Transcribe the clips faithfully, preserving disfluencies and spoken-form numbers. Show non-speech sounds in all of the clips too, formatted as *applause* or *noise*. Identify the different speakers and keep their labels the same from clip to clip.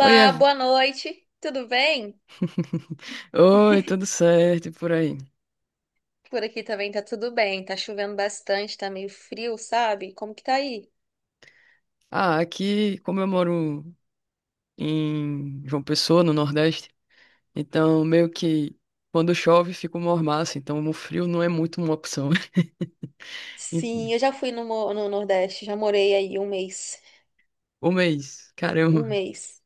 Speaker 1: Oi, Ev...
Speaker 2: boa noite. Tudo bem?
Speaker 1: *laughs* Oi, tudo certo e por aí?
Speaker 2: Por aqui também tá tudo bem. Tá chovendo bastante, tá meio frio, sabe? Como que tá aí?
Speaker 1: Ah, aqui, como eu moro em João Pessoa, no Nordeste, então meio que quando chove fica uma mormaço, então o frio não é muito uma opção. *laughs* E
Speaker 2: Sim, eu já fui no, mo- no Nordeste, já morei aí um mês.
Speaker 1: o mês,
Speaker 2: Um
Speaker 1: caramba,
Speaker 2: mês.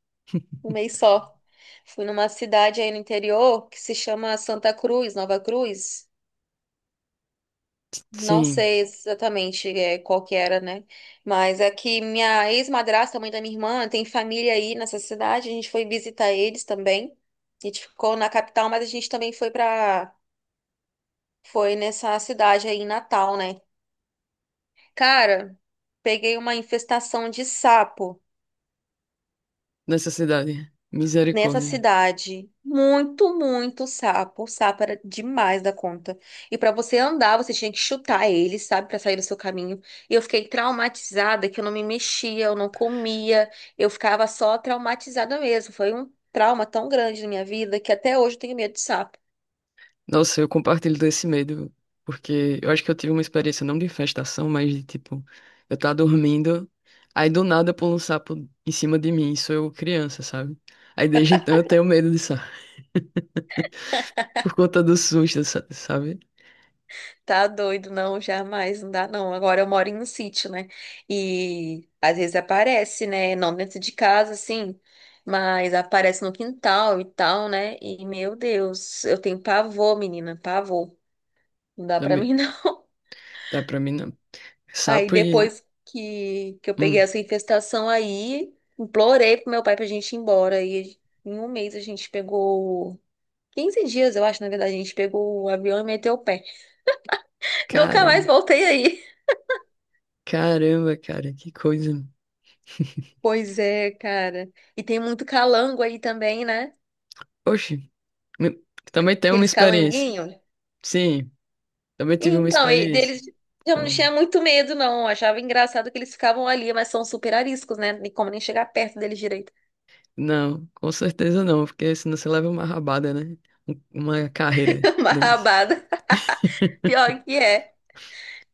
Speaker 2: Um mês só. Fui numa cidade aí no interior que se chama Santa Cruz, Nova Cruz. Não
Speaker 1: sim,
Speaker 2: sei exatamente é, qual que era, né? Mas é que minha ex-madrasta, mãe da minha irmã, tem família aí nessa cidade. A gente foi visitar eles também. A gente ficou na capital, mas a gente também foi para Foi nessa cidade aí em Natal, né? Cara, peguei uma infestação de sapo
Speaker 1: necessidade,
Speaker 2: nessa
Speaker 1: misericórdia.
Speaker 2: cidade. Muito, muito sapo. O sapo era demais da conta. E pra você andar, você tinha que chutar ele, sabe, pra sair do seu caminho. E eu fiquei traumatizada que eu não me mexia, eu não comia, eu ficava só traumatizada mesmo. Foi um trauma tão grande na minha vida que até hoje eu tenho medo de sapo.
Speaker 1: Nossa, eu compartilho desse medo, porque eu acho que eu tive uma experiência não de infestação, mas de tipo, eu tava dormindo, aí do nada pula um sapo em cima de mim, isso eu criança, sabe? Aí desde então eu tenho medo de sapo, *laughs* por conta do susto, sa- sabe?
Speaker 2: Tá doido, não, jamais, não dá não. Agora eu moro em um sítio, né? E às vezes aparece, né? Não dentro de casa, assim, mas aparece no quintal e tal, né? E meu Deus, eu tenho pavor, menina, pavor. Não dá pra
Speaker 1: Também.
Speaker 2: mim, não.
Speaker 1: Tá pra mim não.
Speaker 2: *laughs* Aí
Speaker 1: Sapo e.
Speaker 2: depois que, que eu peguei
Speaker 1: Hum,
Speaker 2: essa infestação aí, implorei pro meu pai pra gente ir embora. E em um mês a gente pegou quinze dias, eu acho, na verdade, a gente pegou o avião e meteu o pé. *laughs* Nunca mais
Speaker 1: caramba,
Speaker 2: voltei aí.
Speaker 1: caramba, cara, que coisa. *laughs*
Speaker 2: Pois é, cara. E tem muito calango aí também, né?
Speaker 1: Oxe, me- também tenho uma
Speaker 2: Aqueles
Speaker 1: experiência.
Speaker 2: calanguinhos.
Speaker 1: Sim, também tive uma
Speaker 2: Então, e deles
Speaker 1: experiência.
Speaker 2: eu não tinha muito medo, não. Eu achava engraçado que eles ficavam ali, mas são super ariscos, né? Nem como nem chegar perto deles direito.
Speaker 1: Não, com certeza não, porque senão você leva uma rabada, né? Um- Uma carreira,
Speaker 2: *laughs* Uma
Speaker 1: Denis.
Speaker 2: rabada.
Speaker 1: *laughs*
Speaker 2: Pior que é.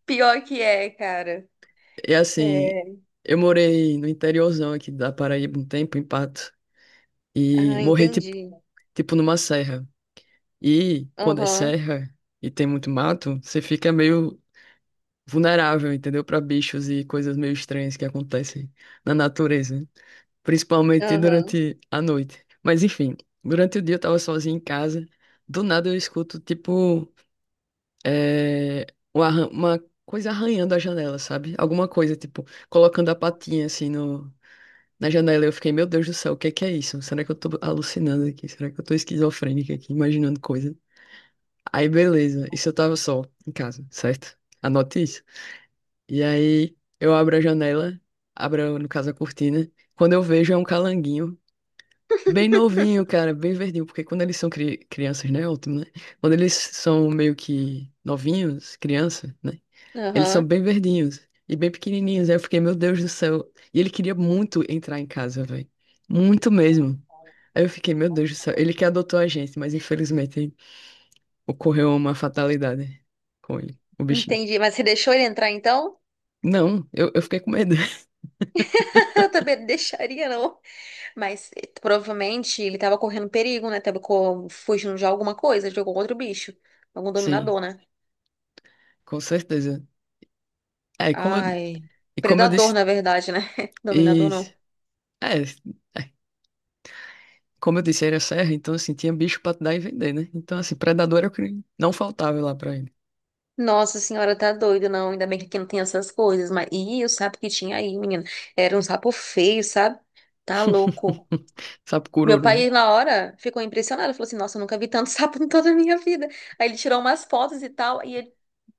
Speaker 2: Pior que é, cara.
Speaker 1: E assim,
Speaker 2: É.
Speaker 1: eu morei no interiorzão aqui da Paraíba um tempo, em Pato, e
Speaker 2: Ah,
Speaker 1: morri tipo,
Speaker 2: entendi.
Speaker 1: tipo numa serra. E quando é
Speaker 2: Aham,
Speaker 1: serra e tem muito mato, você fica meio vulnerável, entendeu? Para bichos e coisas meio estranhas que acontecem na natureza, né? Principalmente
Speaker 2: aham,
Speaker 1: durante a noite. Mas enfim, durante o dia eu tava sozinho em casa, do nada eu escuto tipo. É, um arran- uma coisa arranhando a janela, sabe? Alguma coisa, tipo, colocando a patinha assim no, na janela. Eu fiquei, meu Deus do céu, o que que é isso? Será que eu tô alucinando aqui? Será que eu tô esquizofrênica aqui, imaginando coisa? Aí, beleza. Isso eu tava só em casa, certo? Anote isso. E aí, eu abro a janela, abro, no caso, a cortina. Quando eu vejo, é um calanguinho. Bem novinho, cara, bem verdinho, porque quando eles são cri- crianças, né? Ótimo, né? Quando eles são meio que novinhos, criança, né? Eles são
Speaker 2: aham.
Speaker 1: bem verdinhos e bem pequenininhos. Aí eu fiquei, meu Deus do céu. E ele queria muito entrar em casa, velho. Muito mesmo. Aí eu fiquei, meu Deus do céu. Ele que adotou a gente, mas infelizmente ocorreu uma fatalidade com ele, o bichinho.
Speaker 2: Entendi. Mas você deixou ele entrar então?
Speaker 1: Não, eu, eu fiquei com medo.
Speaker 2: *laughs* Eu também não deixaria, não. Mas eh, provavelmente ele tava correndo perigo, né? Tava co- fugindo de alguma coisa, de algum outro bicho. Algum
Speaker 1: *laughs* Sim,
Speaker 2: dominador, né?
Speaker 1: com certeza. É, e como eu,
Speaker 2: Ai.
Speaker 1: e como eu
Speaker 2: Predador,
Speaker 1: disse.
Speaker 2: na verdade, né? *laughs*
Speaker 1: E,
Speaker 2: Dominador não.
Speaker 1: é, é, como eu disse, era serra, então assim, tinha bicho pra dar e vender, né? Então, assim, predador era o que não faltava lá pra ele.
Speaker 2: Nossa senhora, tá doido, não. Ainda bem que aqui não tem essas coisas. Mas. Ih, o sapo que tinha aí, menina. Era um sapo feio, sabe? Tá louco.
Speaker 1: *laughs* Sabe,
Speaker 2: Meu
Speaker 1: cururu.
Speaker 2: pai, na hora, ficou impressionado. Falou assim: Nossa, eu nunca vi tanto *laughs* sapo em toda a minha vida. Aí ele tirou umas fotos e tal. E ele,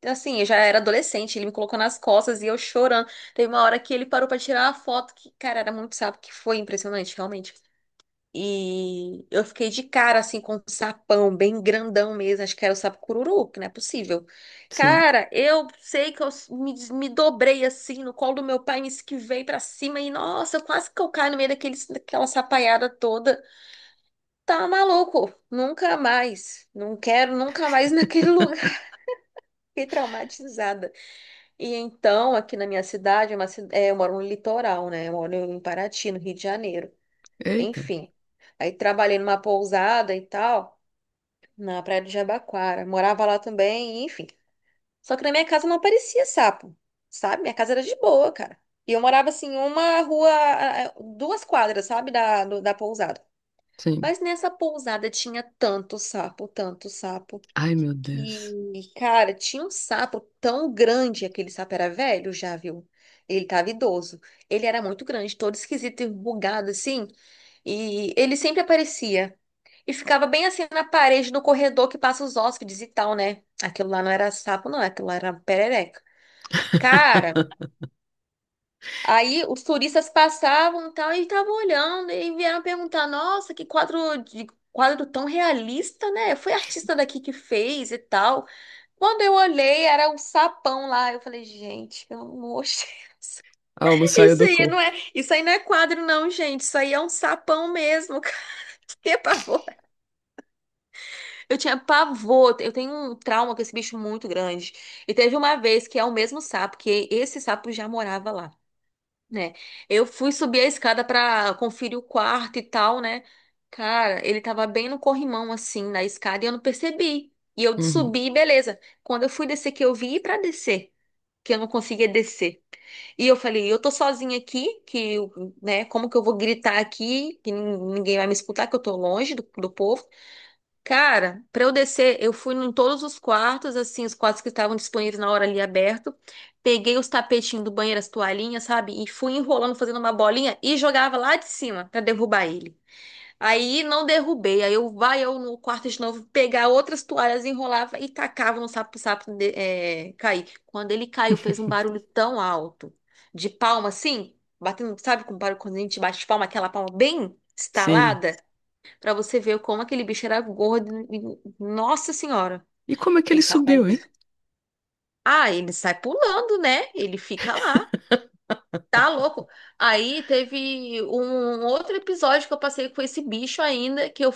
Speaker 2: assim, eu já era adolescente. Ele me colocou nas costas e eu chorando. Teve uma hora que ele parou pra tirar uma foto que, cara, era muito sapo, que foi impressionante, realmente. E eu fiquei de cara, assim, com um sapão bem grandão mesmo. Acho que era o sapo cururu, que não é possível.
Speaker 1: Sim.
Speaker 2: Cara, eu sei que eu me, me dobrei assim no colo do meu pai, me esquivei pra cima e, nossa, quase que eu caio no meio daquele, daquela sapaiada toda. Tá maluco, nunca mais. Não quero nunca mais naquele *laughs* lugar. Fiquei traumatizada. E então, aqui na minha cidade, é uma ci- é, eu moro no litoral, né? Eu moro em Paraty, no Rio de Janeiro.
Speaker 1: Eita.
Speaker 2: Enfim. Aí trabalhei numa pousada e tal, na Praia de Jabaquara. Morava lá também, enfim. Só que na minha casa não aparecia sapo, sabe? Minha casa era de boa, cara. E eu morava assim, uma rua, eh, eh, duas quadras, sabe? Da, do- da pousada.
Speaker 1: Sim.
Speaker 2: Mas nessa pousada tinha tanto sapo, tanto sapo,
Speaker 1: Ai, meu Deus.
Speaker 2: que, cara, tinha um sapo tão grande, aquele sapo era velho, já viu? Ele tava idoso. Ele era muito grande, todo esquisito, enrugado assim, e ele sempre aparecia. E ficava bem assim na parede do corredor que passa os hóspedes e tal, né? Aquilo lá não era sapo, não, aquilo lá era perereca. Cara, aí os turistas passavam e tal, e estavam olhando, e vieram perguntar: nossa, que quadro de quadro tão realista, né? Foi artista daqui que fez e tal. Quando eu olhei, era um sapão lá. Eu falei, gente, pelo amor de Deus.
Speaker 1: A alma
Speaker 2: *laughs*
Speaker 1: saiu
Speaker 2: Isso
Speaker 1: do
Speaker 2: aí não
Speaker 1: corpo.
Speaker 2: é, isso aí não é quadro, não, gente. Isso aí é um sapão mesmo, cara. *laughs* Que pavor. Eu tinha pavor. Eu tenho um trauma com esse bicho muito grande. E teve uma vez que é o mesmo sapo, que esse sapo já morava lá, né? Eu fui subir a escada pra conferir o quarto e tal, né? Cara, ele tava bem no corrimão, assim, na escada, e eu não percebi. E eu
Speaker 1: Uhum.
Speaker 2: subi, beleza. Quando eu fui descer, que eu vi pra descer que eu não conseguia descer. E eu falei, eu tô sozinha aqui, que, eu- né, como que eu vou gritar aqui, que nin- ninguém vai me escutar, que eu tô longe do, do povo. Cara, pra eu descer, eu fui em todos os quartos, assim, os quartos que estavam disponíveis na hora ali aberto, peguei os tapetinhos do banheiro, as toalhinhas, sabe, e fui enrolando, fazendo uma bolinha e jogava lá de cima pra derrubar ele. Aí não derrubei. Aí eu vai eu no quarto de novo pegar outras toalhas, enrolava e tacava no sapo pro sapo de- eh, cair. Quando ele caiu, fez um
Speaker 1: *laughs*
Speaker 2: barulho tão alto, de palma assim, batendo, sabe, com barulho quando a gente bate palma, aquela palma bem
Speaker 1: Sim.
Speaker 2: estalada, pra você ver como aquele bicho era gordo. e- Nossa Senhora,
Speaker 1: E como é que ele
Speaker 2: aquele sapo.
Speaker 1: subiu, hein?
Speaker 2: Ah, ele sai pulando, né? Ele fica lá. Tá louco? Aí teve um um outro episódio que eu passei com esse bicho ainda, que eu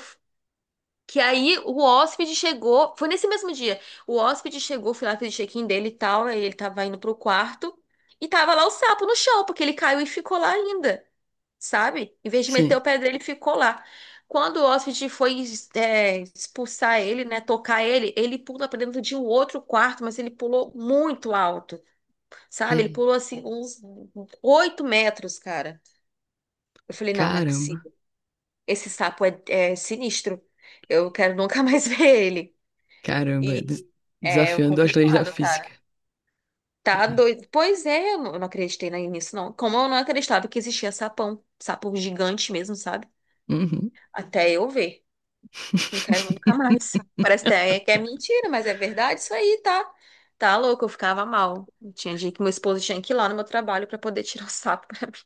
Speaker 2: que aí o hóspede chegou, foi nesse mesmo dia. O hóspede chegou, fui lá, fiz o check-in dele e tal, aí ele tava indo pro quarto e tava lá o sapo no chão, porque ele caiu e ficou lá ainda, sabe? Em vez de meter o
Speaker 1: Sim.
Speaker 2: pé dele, ele ficou lá. Quando o hóspede foi é, expulsar ele, né, tocar ele, ele pula pra dentro de um outro quarto, mas ele pulou muito alto, sabe? Ele
Speaker 1: Ei,
Speaker 2: pulou assim uns oito metros, cara. Eu falei, não, não é
Speaker 1: caramba.
Speaker 2: possível. Esse sapo é é sinistro. Eu quero nunca mais *laughs* ver ele.
Speaker 1: Caramba. é des-
Speaker 2: E é
Speaker 1: desafiando as leis da
Speaker 2: complicado,
Speaker 1: física.
Speaker 2: cara. Tá doido. Pois é, eu não eu não acreditei na- nisso, não. Como eu não acreditava que existia sapão, sapo gigante mesmo, sabe?
Speaker 1: Uhum.
Speaker 2: Até eu ver. Não quero
Speaker 1: *laughs*
Speaker 2: nunca mais. Parece até que é mentira, mas é verdade isso aí, tá? Tá louco, eu ficava mal. Tinha dia que meu esposo tinha que ir lá no meu trabalho pra poder tirar o sapo. *laughs*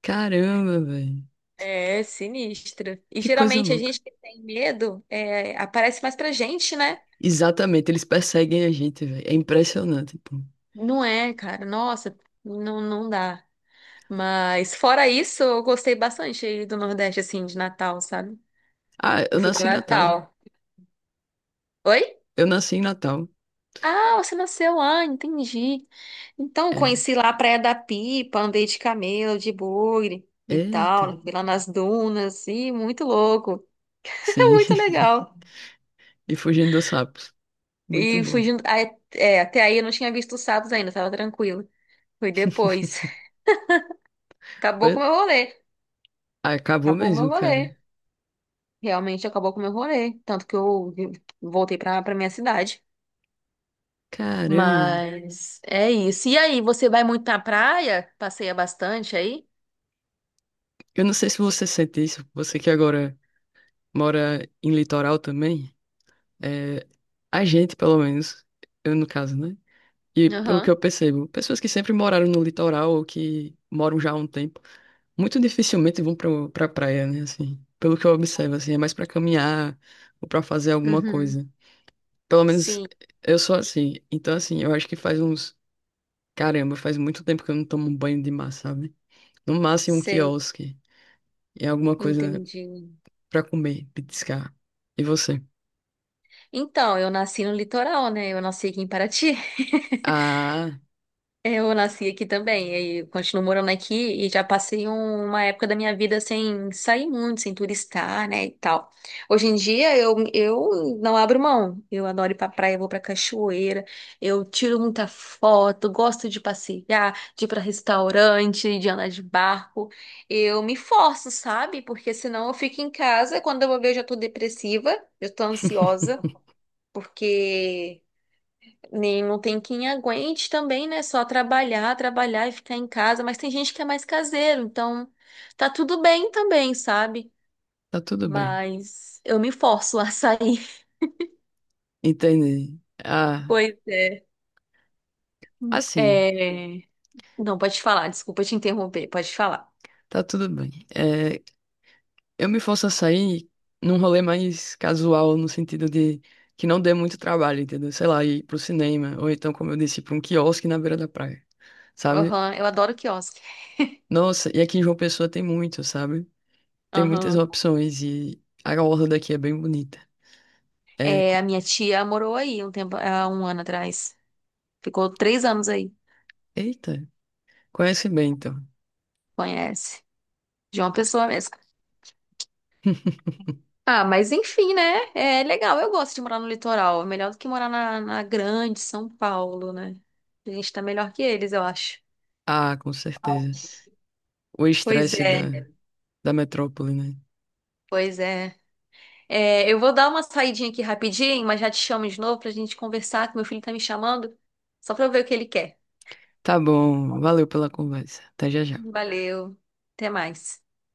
Speaker 1: Caramba, velho.
Speaker 2: É sinistra. E
Speaker 1: Que coisa
Speaker 2: geralmente a
Speaker 1: louca.
Speaker 2: gente que tem medo é, aparece mais pra gente, né?
Speaker 1: Exatamente, eles perseguem a gente, velho. É impressionante, pô.
Speaker 2: Não é, cara. Nossa, não, não dá. Mas fora isso, eu gostei bastante do Nordeste, assim, de Natal, sabe?
Speaker 1: Ah,
Speaker 2: Eu
Speaker 1: eu
Speaker 2: fui
Speaker 1: nasci em
Speaker 2: pra Ah,
Speaker 1: Natal.
Speaker 2: Natal. Oi?
Speaker 1: Eu nasci em Natal.
Speaker 2: Ah, você nasceu lá, entendi. Então, eu
Speaker 1: É.
Speaker 2: conheci lá a Praia da Pipa, andei de camelo, de bugre e
Speaker 1: Eita.
Speaker 2: tal, fui lá nas dunas, e muito louco, *laughs*
Speaker 1: Sim.
Speaker 2: muito
Speaker 1: *laughs*
Speaker 2: legal.
Speaker 1: E fugindo dos sapos. Muito
Speaker 2: E fui
Speaker 1: bom.
Speaker 2: junto, aí- é, é, até aí eu não tinha visto os sapos ainda, tava tranquilo. Foi depois. *laughs* Acabou com o
Speaker 1: Foi-
Speaker 2: meu rolê,
Speaker 1: Ah, acabou
Speaker 2: acabou o meu
Speaker 1: mesmo, cara.
Speaker 2: rolê. Realmente acabou com o meu rolê, tanto que eu eu voltei pra, pra minha cidade.
Speaker 1: Caramba.
Speaker 2: Mas é isso. E aí, você vai muito na praia? Passeia bastante aí?
Speaker 1: Eu não sei se você sente isso, você que agora mora em litoral também, é, a gente, pelo menos, eu no caso, né? E pelo que
Speaker 2: Aham.
Speaker 1: eu percebo, pessoas que sempre moraram no litoral ou que moram já há um tempo, muito dificilmente vão pra, pra praia, né? Assim, pelo que eu observo, assim, é mais pra caminhar ou pra fazer alguma
Speaker 2: Uhum.
Speaker 1: coisa. Pelo menos
Speaker 2: Sim,
Speaker 1: eu sou assim. Então, assim, eu acho que faz uns. Caramba, faz muito tempo que eu não tomo um banho de mar, sabe? No máximo um
Speaker 2: sei.
Speaker 1: quiosque. E alguma coisa,
Speaker 2: Entendi.
Speaker 1: pra comer, petiscar. E você?
Speaker 2: Então, eu nasci no litoral, né? Eu nasci aqui em Paraty. *laughs*
Speaker 1: Ah,
Speaker 2: Eu nasci aqui também, e continuo morando aqui e já passei um- uma época da minha vida sem sair muito, sem turistar, né, e tal. Hoje em dia eu, eu não abro mão. Eu adoro ir pra praia, vou pra cachoeira, eu tiro muita foto, gosto de passear, de ir pra restaurante, de andar de barco. Eu me forço, sabe? Porque senão eu fico em casa, quando eu vou ver eu já tô depressiva, eu tô ansiosa,
Speaker 1: *laughs*
Speaker 2: porque nem não tem quem aguente também, né? Só trabalhar, trabalhar e ficar em casa. Mas tem gente que é mais caseiro, então tá tudo bem também, sabe?
Speaker 1: tá tudo bem.
Speaker 2: Mas eu me forço a sair. *laughs*
Speaker 1: Entendi. Ah,
Speaker 2: Pois é.
Speaker 1: assim,
Speaker 2: É, Não, pode falar, desculpa te interromper, pode falar.
Speaker 1: tá tudo bem. É, eu me forço a sair num rolê mais casual, no sentido de que não dê muito trabalho, entendeu? Sei lá, ir pro cinema, ou então, como eu disse, pra um quiosque na beira da praia, sabe?
Speaker 2: Aham, eu adoro quiosque.
Speaker 1: Nossa, e aqui em João Pessoa tem muito, sabe? Tem muitas
Speaker 2: Aham.
Speaker 1: opções e a orla daqui é bem bonita. É,
Speaker 2: É,
Speaker 1: co-
Speaker 2: a minha tia morou aí um tempo, há um ano atrás. Ficou três anos aí,
Speaker 1: eita, conhece bem, então.
Speaker 2: conhece. De uma pessoa mesmo. Ah, mas enfim, né? É legal, eu gosto de morar no litoral. É melhor do que morar na, na grande São Paulo, né? A gente tá melhor que eles, eu acho.
Speaker 1: Ah, com certeza. O
Speaker 2: Pois
Speaker 1: estresse
Speaker 2: é,
Speaker 1: da, da metrópole, né?
Speaker 2: pois é. É, eu vou dar uma saidinha aqui rapidinho, mas já te chamo de novo pra gente conversar, que meu filho tá me chamando, só pra eu ver o que ele quer.
Speaker 1: Tá bom, valeu pela conversa. Até já já.
Speaker 2: Valeu, até mais.